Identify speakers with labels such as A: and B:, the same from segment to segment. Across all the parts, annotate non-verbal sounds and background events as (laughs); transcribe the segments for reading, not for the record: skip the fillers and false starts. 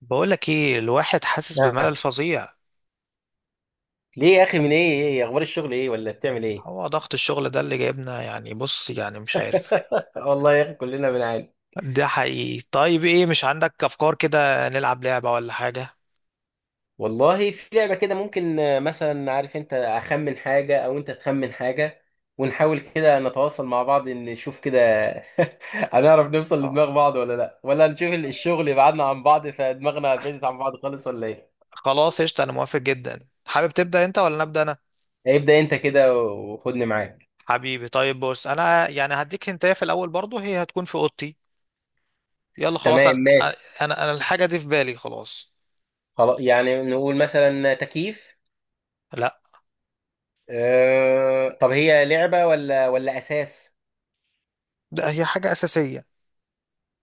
A: بقولك ايه، الواحد حاسس بملل
B: آه.
A: فظيع.
B: ليه يا اخي، من ايه؟ ايه إيه؟ اخبار الشغل ايه ولا بتعمل ايه؟
A: هو ضغط الشغل ده اللي جايبنا يعني، بص يعني مش عارف.
B: آه والله يا اخي كلنا بنعاني.
A: ده حقيقي. طيب ايه، مش عندك افكار كده نلعب لعبة ولا حاجة؟
B: والله في لعبه كده ممكن، آه، مثلا عارف انت اخمن حاجه او انت تخمن حاجه، ونحاول كده نتواصل مع بعض إن نشوف كده. (laughs) هنعرف نوصل
A: آه،
B: لدماغ بعض ولا لا، ولا نشوف الشغل يبعدنا عن بعض فدماغنا بعدت عن بعض خالص ولا ايه؟
A: خلاص قشطة انا موافق جدا. حابب تبدأ انت ولا نبدأ انا؟
B: ابدا انت كده وخدني معاك.
A: حبيبي، طيب بص انا يعني هديك هنتايه في الاول برضو، هي هتكون في اوضتي. يلا خلاص،
B: تمام،
A: انا
B: ماشي.
A: انا انا الحاجة دي في بالي خلاص.
B: خلاص، يعني نقول مثلا تكييف.
A: لا،
B: طب هي لعبه ولا ولا اساس؟
A: ده هي حاجة اساسية.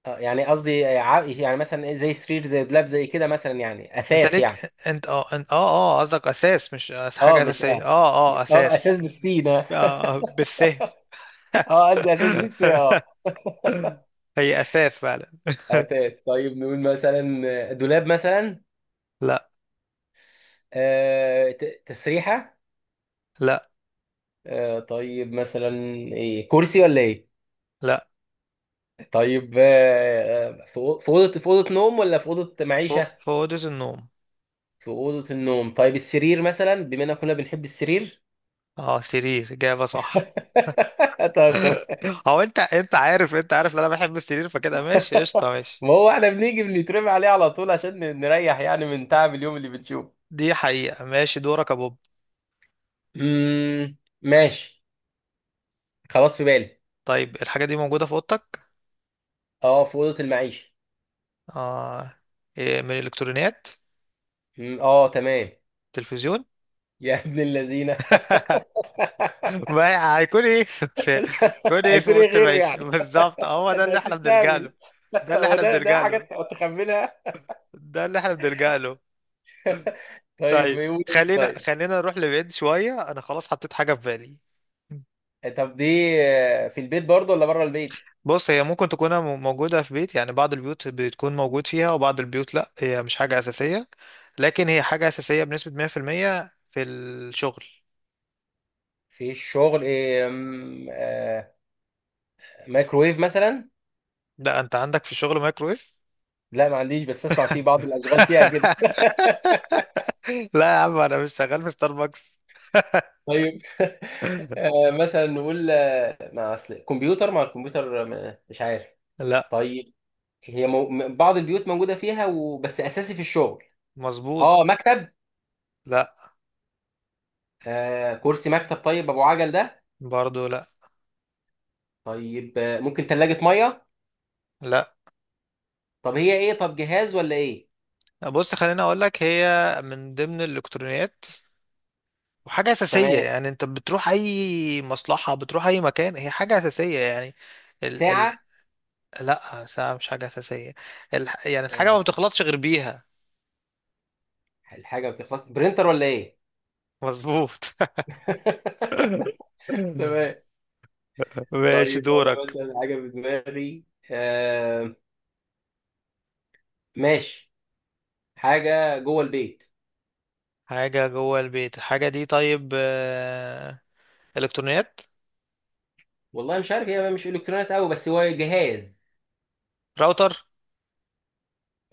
B: آه، يعني قصدي يعني مثلا إيه، زي سرير، زي دولاب، زي كده مثلا، يعني
A: انت
B: اثاث يعني.
A: ليك. انت قصدك اساس، مش
B: اه
A: حاجة
B: مش
A: اساسية،
B: اه. اه اساس
A: اساس.
B: بالسين اه.
A: آه، بالث.
B: (laughs) آه، قصدي اساس بالسين
A: (laughs)
B: اه.
A: هي أساس فعلا.
B: (laughs) اساس. طيب نقول مثلا دولاب مثلا.
A: لا
B: آه تسريحه.
A: لا
B: آه طيب مثلا، ايه كرسي ولا ايه؟
A: لا،
B: طيب آه، في في اوضه، في اوضه نوم ولا في اوضه
A: فوق
B: معيشه؟
A: في أوضة النوم.
B: في اوضه النوم. طيب السرير مثلا، بما اننا كنا بنحب السرير.
A: اه سرير، إجابة صح.
B: (laughs) طب طب.
A: (laughs) هو أنت عارف، أنت عارف إن أنا بحب السرير، فكده ماشي قشطة ماشي.
B: ما هو احنا بنيجي بنترمي عليه على طول عشان نريح يعني من تعب اليوم اللي بنشوفه.
A: دي حقيقة. ماشي دورك يا بوب.
B: ماشي. خلاص، في بالي.
A: طيب الحاجة دي موجودة في أوضتك؟
B: اه، في اوضه المعيشه.
A: آه. إيه من الإلكترونيات؟
B: اه تمام. (laughs)
A: تلفزيون.
B: يا ابن اللذينه. (laughs)
A: (laughs) ما هيكون إيه (laughs) في... هيكون إيه في
B: هيكون ايه
A: أوضة
B: غيره
A: المعيشة
B: يعني؟
A: بالظبط؟ هو
B: (laughs)
A: ده
B: انت
A: اللي إحنا بنلجأ له.
B: هتستعمل. (laughs)
A: ده اللي
B: هو
A: إحنا
B: ده ده
A: بنلجأ له.
B: حاجه تخمنها؟
A: ده اللي إحنا بنلجأ له.
B: طيب
A: طيب
B: يقول. طيب.
A: خلينا خلينا نروح لبعيد شوية. أنا خلاص حطيت حاجة في بالي.
B: طب دي، آه، في البيت برضه ولا بره البيت؟
A: بص هي ممكن تكون موجودة في بيت، يعني بعض البيوت بتكون موجود فيها وبعض البيوت لأ، هي مش حاجة أساسية. لكن هي حاجة أساسية بنسبة 100% في المية في الشغل.
B: في الشغل إيه؟ أم، آه، مايكرويف مثلا؟
A: لا أنت عندك في الشغل مايكرويف؟
B: لا ما عنديش، بس اسمع فيه بعض الاشغال فيها.
A: (laughs) لا يا عم، أنا مش شغال في ستاربكس.
B: طيب. (laughs)
A: (laughs)
B: آه، مثلا نقول آه، مع اصل كمبيوتر، مع الكمبيوتر، مش عارف.
A: لا.
B: طيب هي بعض البيوت موجوده فيها وبس اساسي في الشغل؟
A: مظبوط.
B: اه، مكتب؟
A: لا
B: آه كرسي مكتب؟ طيب ابو عجل ده؟
A: برضو لا.
B: طيب آه، ممكن ثلاجه ميه؟
A: لا.
B: طب هي ايه، طب جهاز ولا ايه؟
A: بص خليني أقول لك، هي من ضمن الإلكترونيات وحاجة أساسية،
B: تمام.
A: يعني أنت بتروح أي مصلحة، بتروح أي مكان، هي حاجة أساسية يعني. ال
B: ساعه؟
A: لأ ساعة مش حاجة أساسية. ال يعني الحاجة ما
B: آه.
A: بتخلصش غير بيها.
B: الحاجه بتخلص، برينتر ولا ايه؟
A: مظبوط.
B: (laughs)
A: (laughs)
B: تمام.
A: ماشي
B: طيب انا
A: دورك.
B: مثلا حاجه في دماغي. آه ماشي. حاجه جوه البيت.
A: حاجة جوه البيت، الحاجة دي طيب، آه، إلكترونيات؟
B: والله مش عارف، هي مش الكترونيات قوي بس هو جهاز.
A: راوتر؟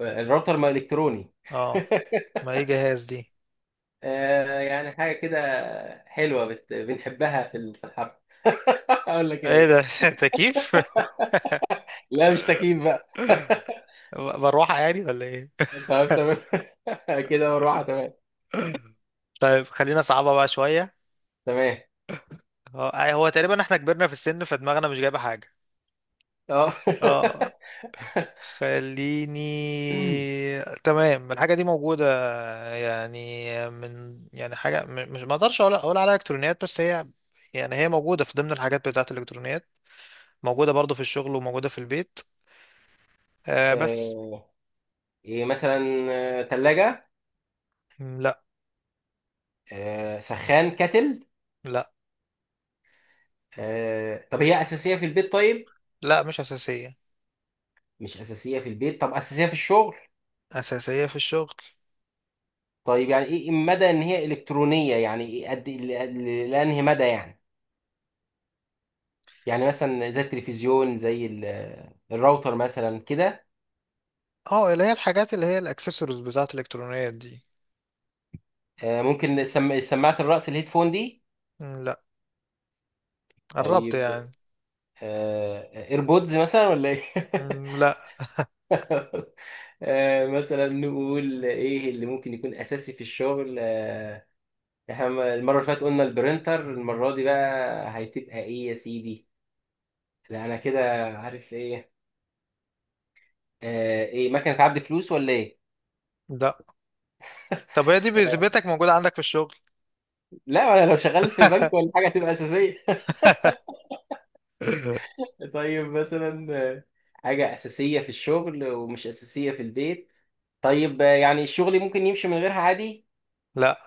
B: الراوتر ما الكتروني.
A: اه،
B: (laughs)
A: ما ايه جهاز دي.
B: آه، يعني حاجه كده بنحبها في في الحرب. (laughs) اقول لك ايه
A: ايه
B: بس.
A: ده؟ (laughs) تكييف؟
B: لا مش تكييف بقى.
A: (laughs) مروحة يعني ولا ايه؟
B: (laughs) طب تمام. (laughs) كده، مروحه، تمام.
A: (laughs) طيب خلينا صعبة بقى شوية.
B: تمام.
A: اه، هو تقريبا احنا كبرنا في السن فدماغنا مش جايبة حاجة.
B: اه.
A: اه، خليني. تمام، الحاجة دي موجودة، يعني من يعني حاجة مش، ما اقدرش اقول عليها الكترونيات بس هي، يعني هي موجودة في ضمن الحاجات بتاعة الالكترونيات. موجودة برضو في الشغل وموجودة في البيت.
B: (laughs)
A: آه بس.
B: آه، ايه مثلا؟ ثلاجه؟
A: لا
B: سخان كتل؟
A: لا
B: آه، طب هي اساسيه في البيت طيب؟
A: لا، مش أساسية.
B: مش اساسيه في البيت، طب اساسيه في الشغل؟
A: أساسية في الشغل.
B: طيب يعني ايه مدى ان هي الكترونيه، يعني ايه قد إيه؟ لانهي مدى يعني، يعني مثلا زي التلفزيون، زي الراوتر مثلا كده.
A: اه، اللي هي الحاجات اللي هي الاكسسوارز بتاعة الالكترونيات دي.
B: آه، ممكن سماعه الراس، الهيدفون دي؟
A: لا. قربت
B: طيب
A: يعني.
B: آه، ايربودز مثلا ولا ايه؟
A: لا.
B: (laughs) آه، مثلا نقول ايه اللي ممكن يكون اساسي في الشغل؟ آه، احنا المره اللي فاتت قلنا البرينتر، المره دي بقى هتبقى ايه يا سيدي؟ لا انا كده عارف ايه. آه، ايه مكنه عد فلوس ولا ايه؟
A: لا. طب هي دي بذمتك موجودة عندك في الشغل؟
B: لا انا لو شغال في بنك ولا
A: (laughs)
B: حاجه هتبقى اساسيه. (laughs) طيب مثلا آه، حاجه اساسيه في الشغل ومش اساسيه في البيت؟ طيب آه، يعني الشغل ممكن يمشي من غيرها عادي؟
A: لا.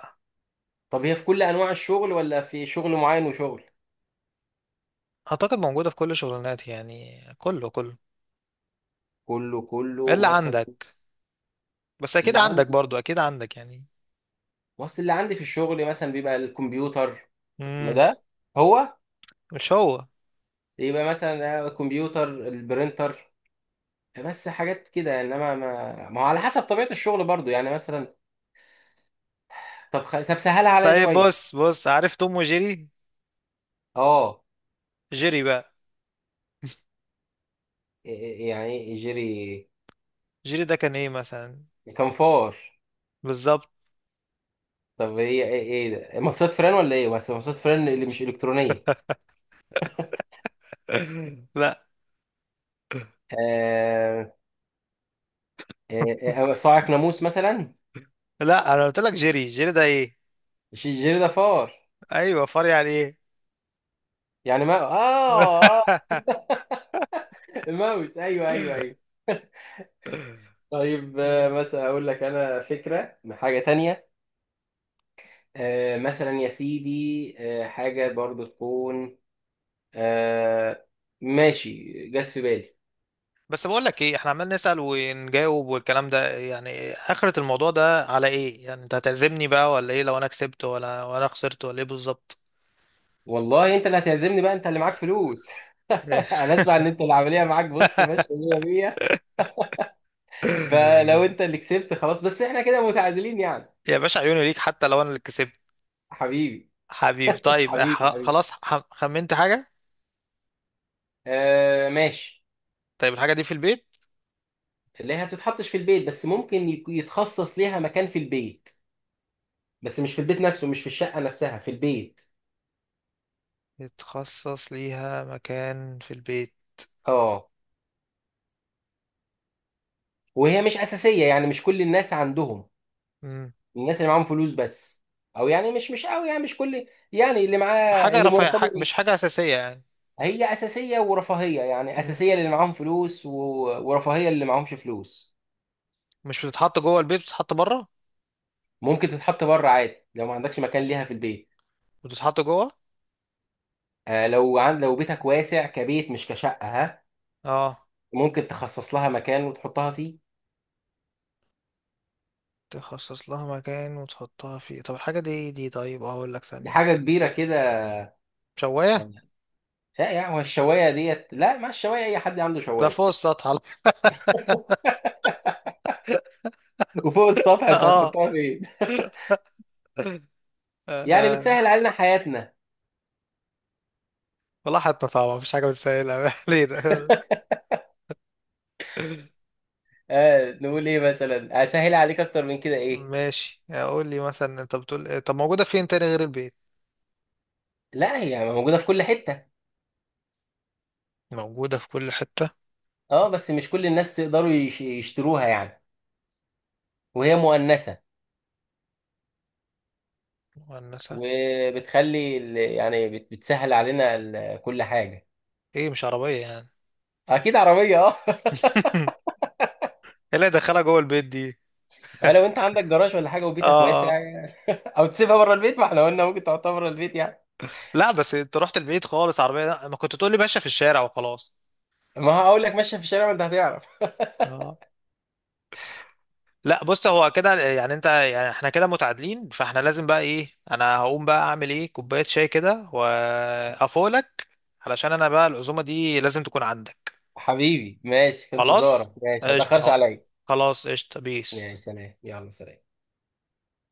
B: طب هي في كل انواع الشغل ولا في شغل معين وشغل؟
A: أعتقد موجودة في كل شغلانات يعني، كله كله.
B: كله كله
A: إلا
B: مثلا؟
A: عندك. بس أكيد
B: اللي
A: عندك
B: عندي،
A: برضو، أكيد عندك يعني.
B: وصل اللي عندي في الشغل مثلا بيبقى الكمبيوتر. ما
A: مم.
B: ده هو.
A: مش هو.
B: يبقى مثلا آه، الكمبيوتر، البرينتر، بس حاجات كده، انما ما هو على حسب طبيعه الشغل برضو يعني مثلا. طب سهلها عليا
A: طيب
B: شويه.
A: بص بص، عارف توم وجيري؟
B: اه.
A: جيري بقى.
B: يعني ايه، يعني يجري؟
A: جيري ده كان إيه مثلا؟
B: كنفار.
A: بالظبط.
B: طب هي ايه، ايه ده، مصاصات فران ولا ايه؟ بس مصاصات فران اللي مش الكترونيه.
A: (laughs) لا.
B: آه. آه آه، صاعق ناموس مثلا؟
A: لا أنا قلت لك جيري، جيري ده إيه؟
B: مش الجري ده فار؟
A: أيوه، فري على إيه؟
B: يعني ما اه. (laughs) الماوس، ايوه ايوه ايوه. طيب آه
A: (laughs)
B: مثلا اقول لك انا فكره من حاجه تانية. آه مثلا يا سيدي آه، حاجه برضو تكون، آه، ماشي، جت في بالي.
A: بس بقول لك ايه، احنا عمال نسأل ونجاوب والكلام ده، يعني آخرة الموضوع ده على ايه يعني؟ انت هتعزمني بقى ولا ايه لو انا كسبت، ولا وانا خسرت ولا ايه بالظبط؟
B: والله انت اللي هتعزمني بقى، انت اللي معاك فلوس. (laughs) انا اسمع ان انت العمليه معاك بص ماشيه 100 100. فلو
A: (laughs)
B: انت اللي كسبت خلاص، بس احنا كده متعادلين يعني.
A: يا باشا، عيوني ليك حتى لو انا اللي كسبت.
B: حبيبي.
A: حبيبي، طيب
B: حبيبي حبيبي.
A: خلاص خمنت حاجة.
B: آه ماشي.
A: طيب الحاجة دي في البيت.
B: اللي هي بتتحطش في البيت بس ممكن يتخصص ليها مكان في البيت، بس مش في البيت نفسه، مش في الشقه نفسها في البيت.
A: يتخصص ليها مكان في البيت.
B: اه. وهي مش اساسيه، يعني مش كل الناس عندهم.
A: مم.
B: الناس اللي معاهم فلوس بس. او يعني مش قوي يعني، مش كل يعني اللي معاه،
A: حاجة
B: اللي
A: رفاهية،
B: مرتبه.
A: مش حاجة أساسية يعني.
B: هي اساسيه ورفاهيه يعني،
A: مم.
B: اساسيه للي معاهم فلوس و... ورفاهيه للي معاهمش فلوس.
A: مش بتتحط جوه البيت، بتتحط بره؟
B: ممكن تتحط بره عادي لو ما عندكش مكان ليها في البيت.
A: بتتحط جوه.
B: آه لو لو بيتك واسع كبيت مش كشقه ها.
A: اه،
B: ممكن تخصص لها مكان وتحطها فيه.
A: تخصص لها مكان وتحطها فيه. طب الحاجة دي إيه دي؟ طيب اه، اقول لك
B: دي
A: ثانية.
B: حاجه كبيره كده.
A: شواية؟
B: آه، لا يا هو الشوايه ديت، لا ما الشوايه اي حد عنده
A: ده
B: شوايه.
A: فوق السطح على-...
B: (laughs) وفوق السطح
A: (laughs)
B: انت
A: اه.
B: هتحطها فين؟ يعني
A: آه.
B: بتسهل علينا حياتنا.
A: والله حتى صعبة، مفيش حاجة بتسهلها. (laughs) ما علينا.
B: (laughs) آه نقول ايه مثلا، اسهل عليك اكتر من كده ايه؟
A: ماشي، اقول لي مثلا، انت بتقول إيه؟ طب موجودة فين تاني غير البيت؟
B: لا هي موجوده في كل حته.
A: موجودة في كل حتة.
B: اه بس مش كل الناس تقدروا يشتروها يعني. وهي مؤنثة.
A: مؤنثة.
B: وبتخلي يعني بتسهل علينا كل حاجة.
A: ايه مش عربية يعني؟
B: اكيد عربية اه.
A: (laughs) ايه اللي هيدخلها جوه البيت دي؟
B: (laughs) لو انت عندك جراج ولا حاجة وبيتك واسع
A: اه، اه.
B: يعني. (laughs) او تسيبها بره البيت، ما احنا قلنا ممكن تحطها بره البيت يعني.
A: لا بس انت رحت البيت خالص، عربية؟ لا، ما كنت تقول لي ماشية في الشارع وخلاص.
B: ما هقول لك ماشية في الشارع ما انت هتعرف. (laughs)
A: اه. لا بص، هو كده يعني انت يعني احنا كده متعادلين، فاحنا لازم بقى ايه، انا هقوم بقى اعمل ايه كوباية شاي كده وافولك. علشان انا بقى العزومة دي لازم تكون عندك.
B: حبيبي ماشي، في
A: خلاص
B: انتظارك، ماشي ما
A: قشطة
B: تاخرش
A: اهو.
B: عليا.
A: خلاص قشطة
B: ماشي،
A: بيس.
B: سلام، يلا سلام.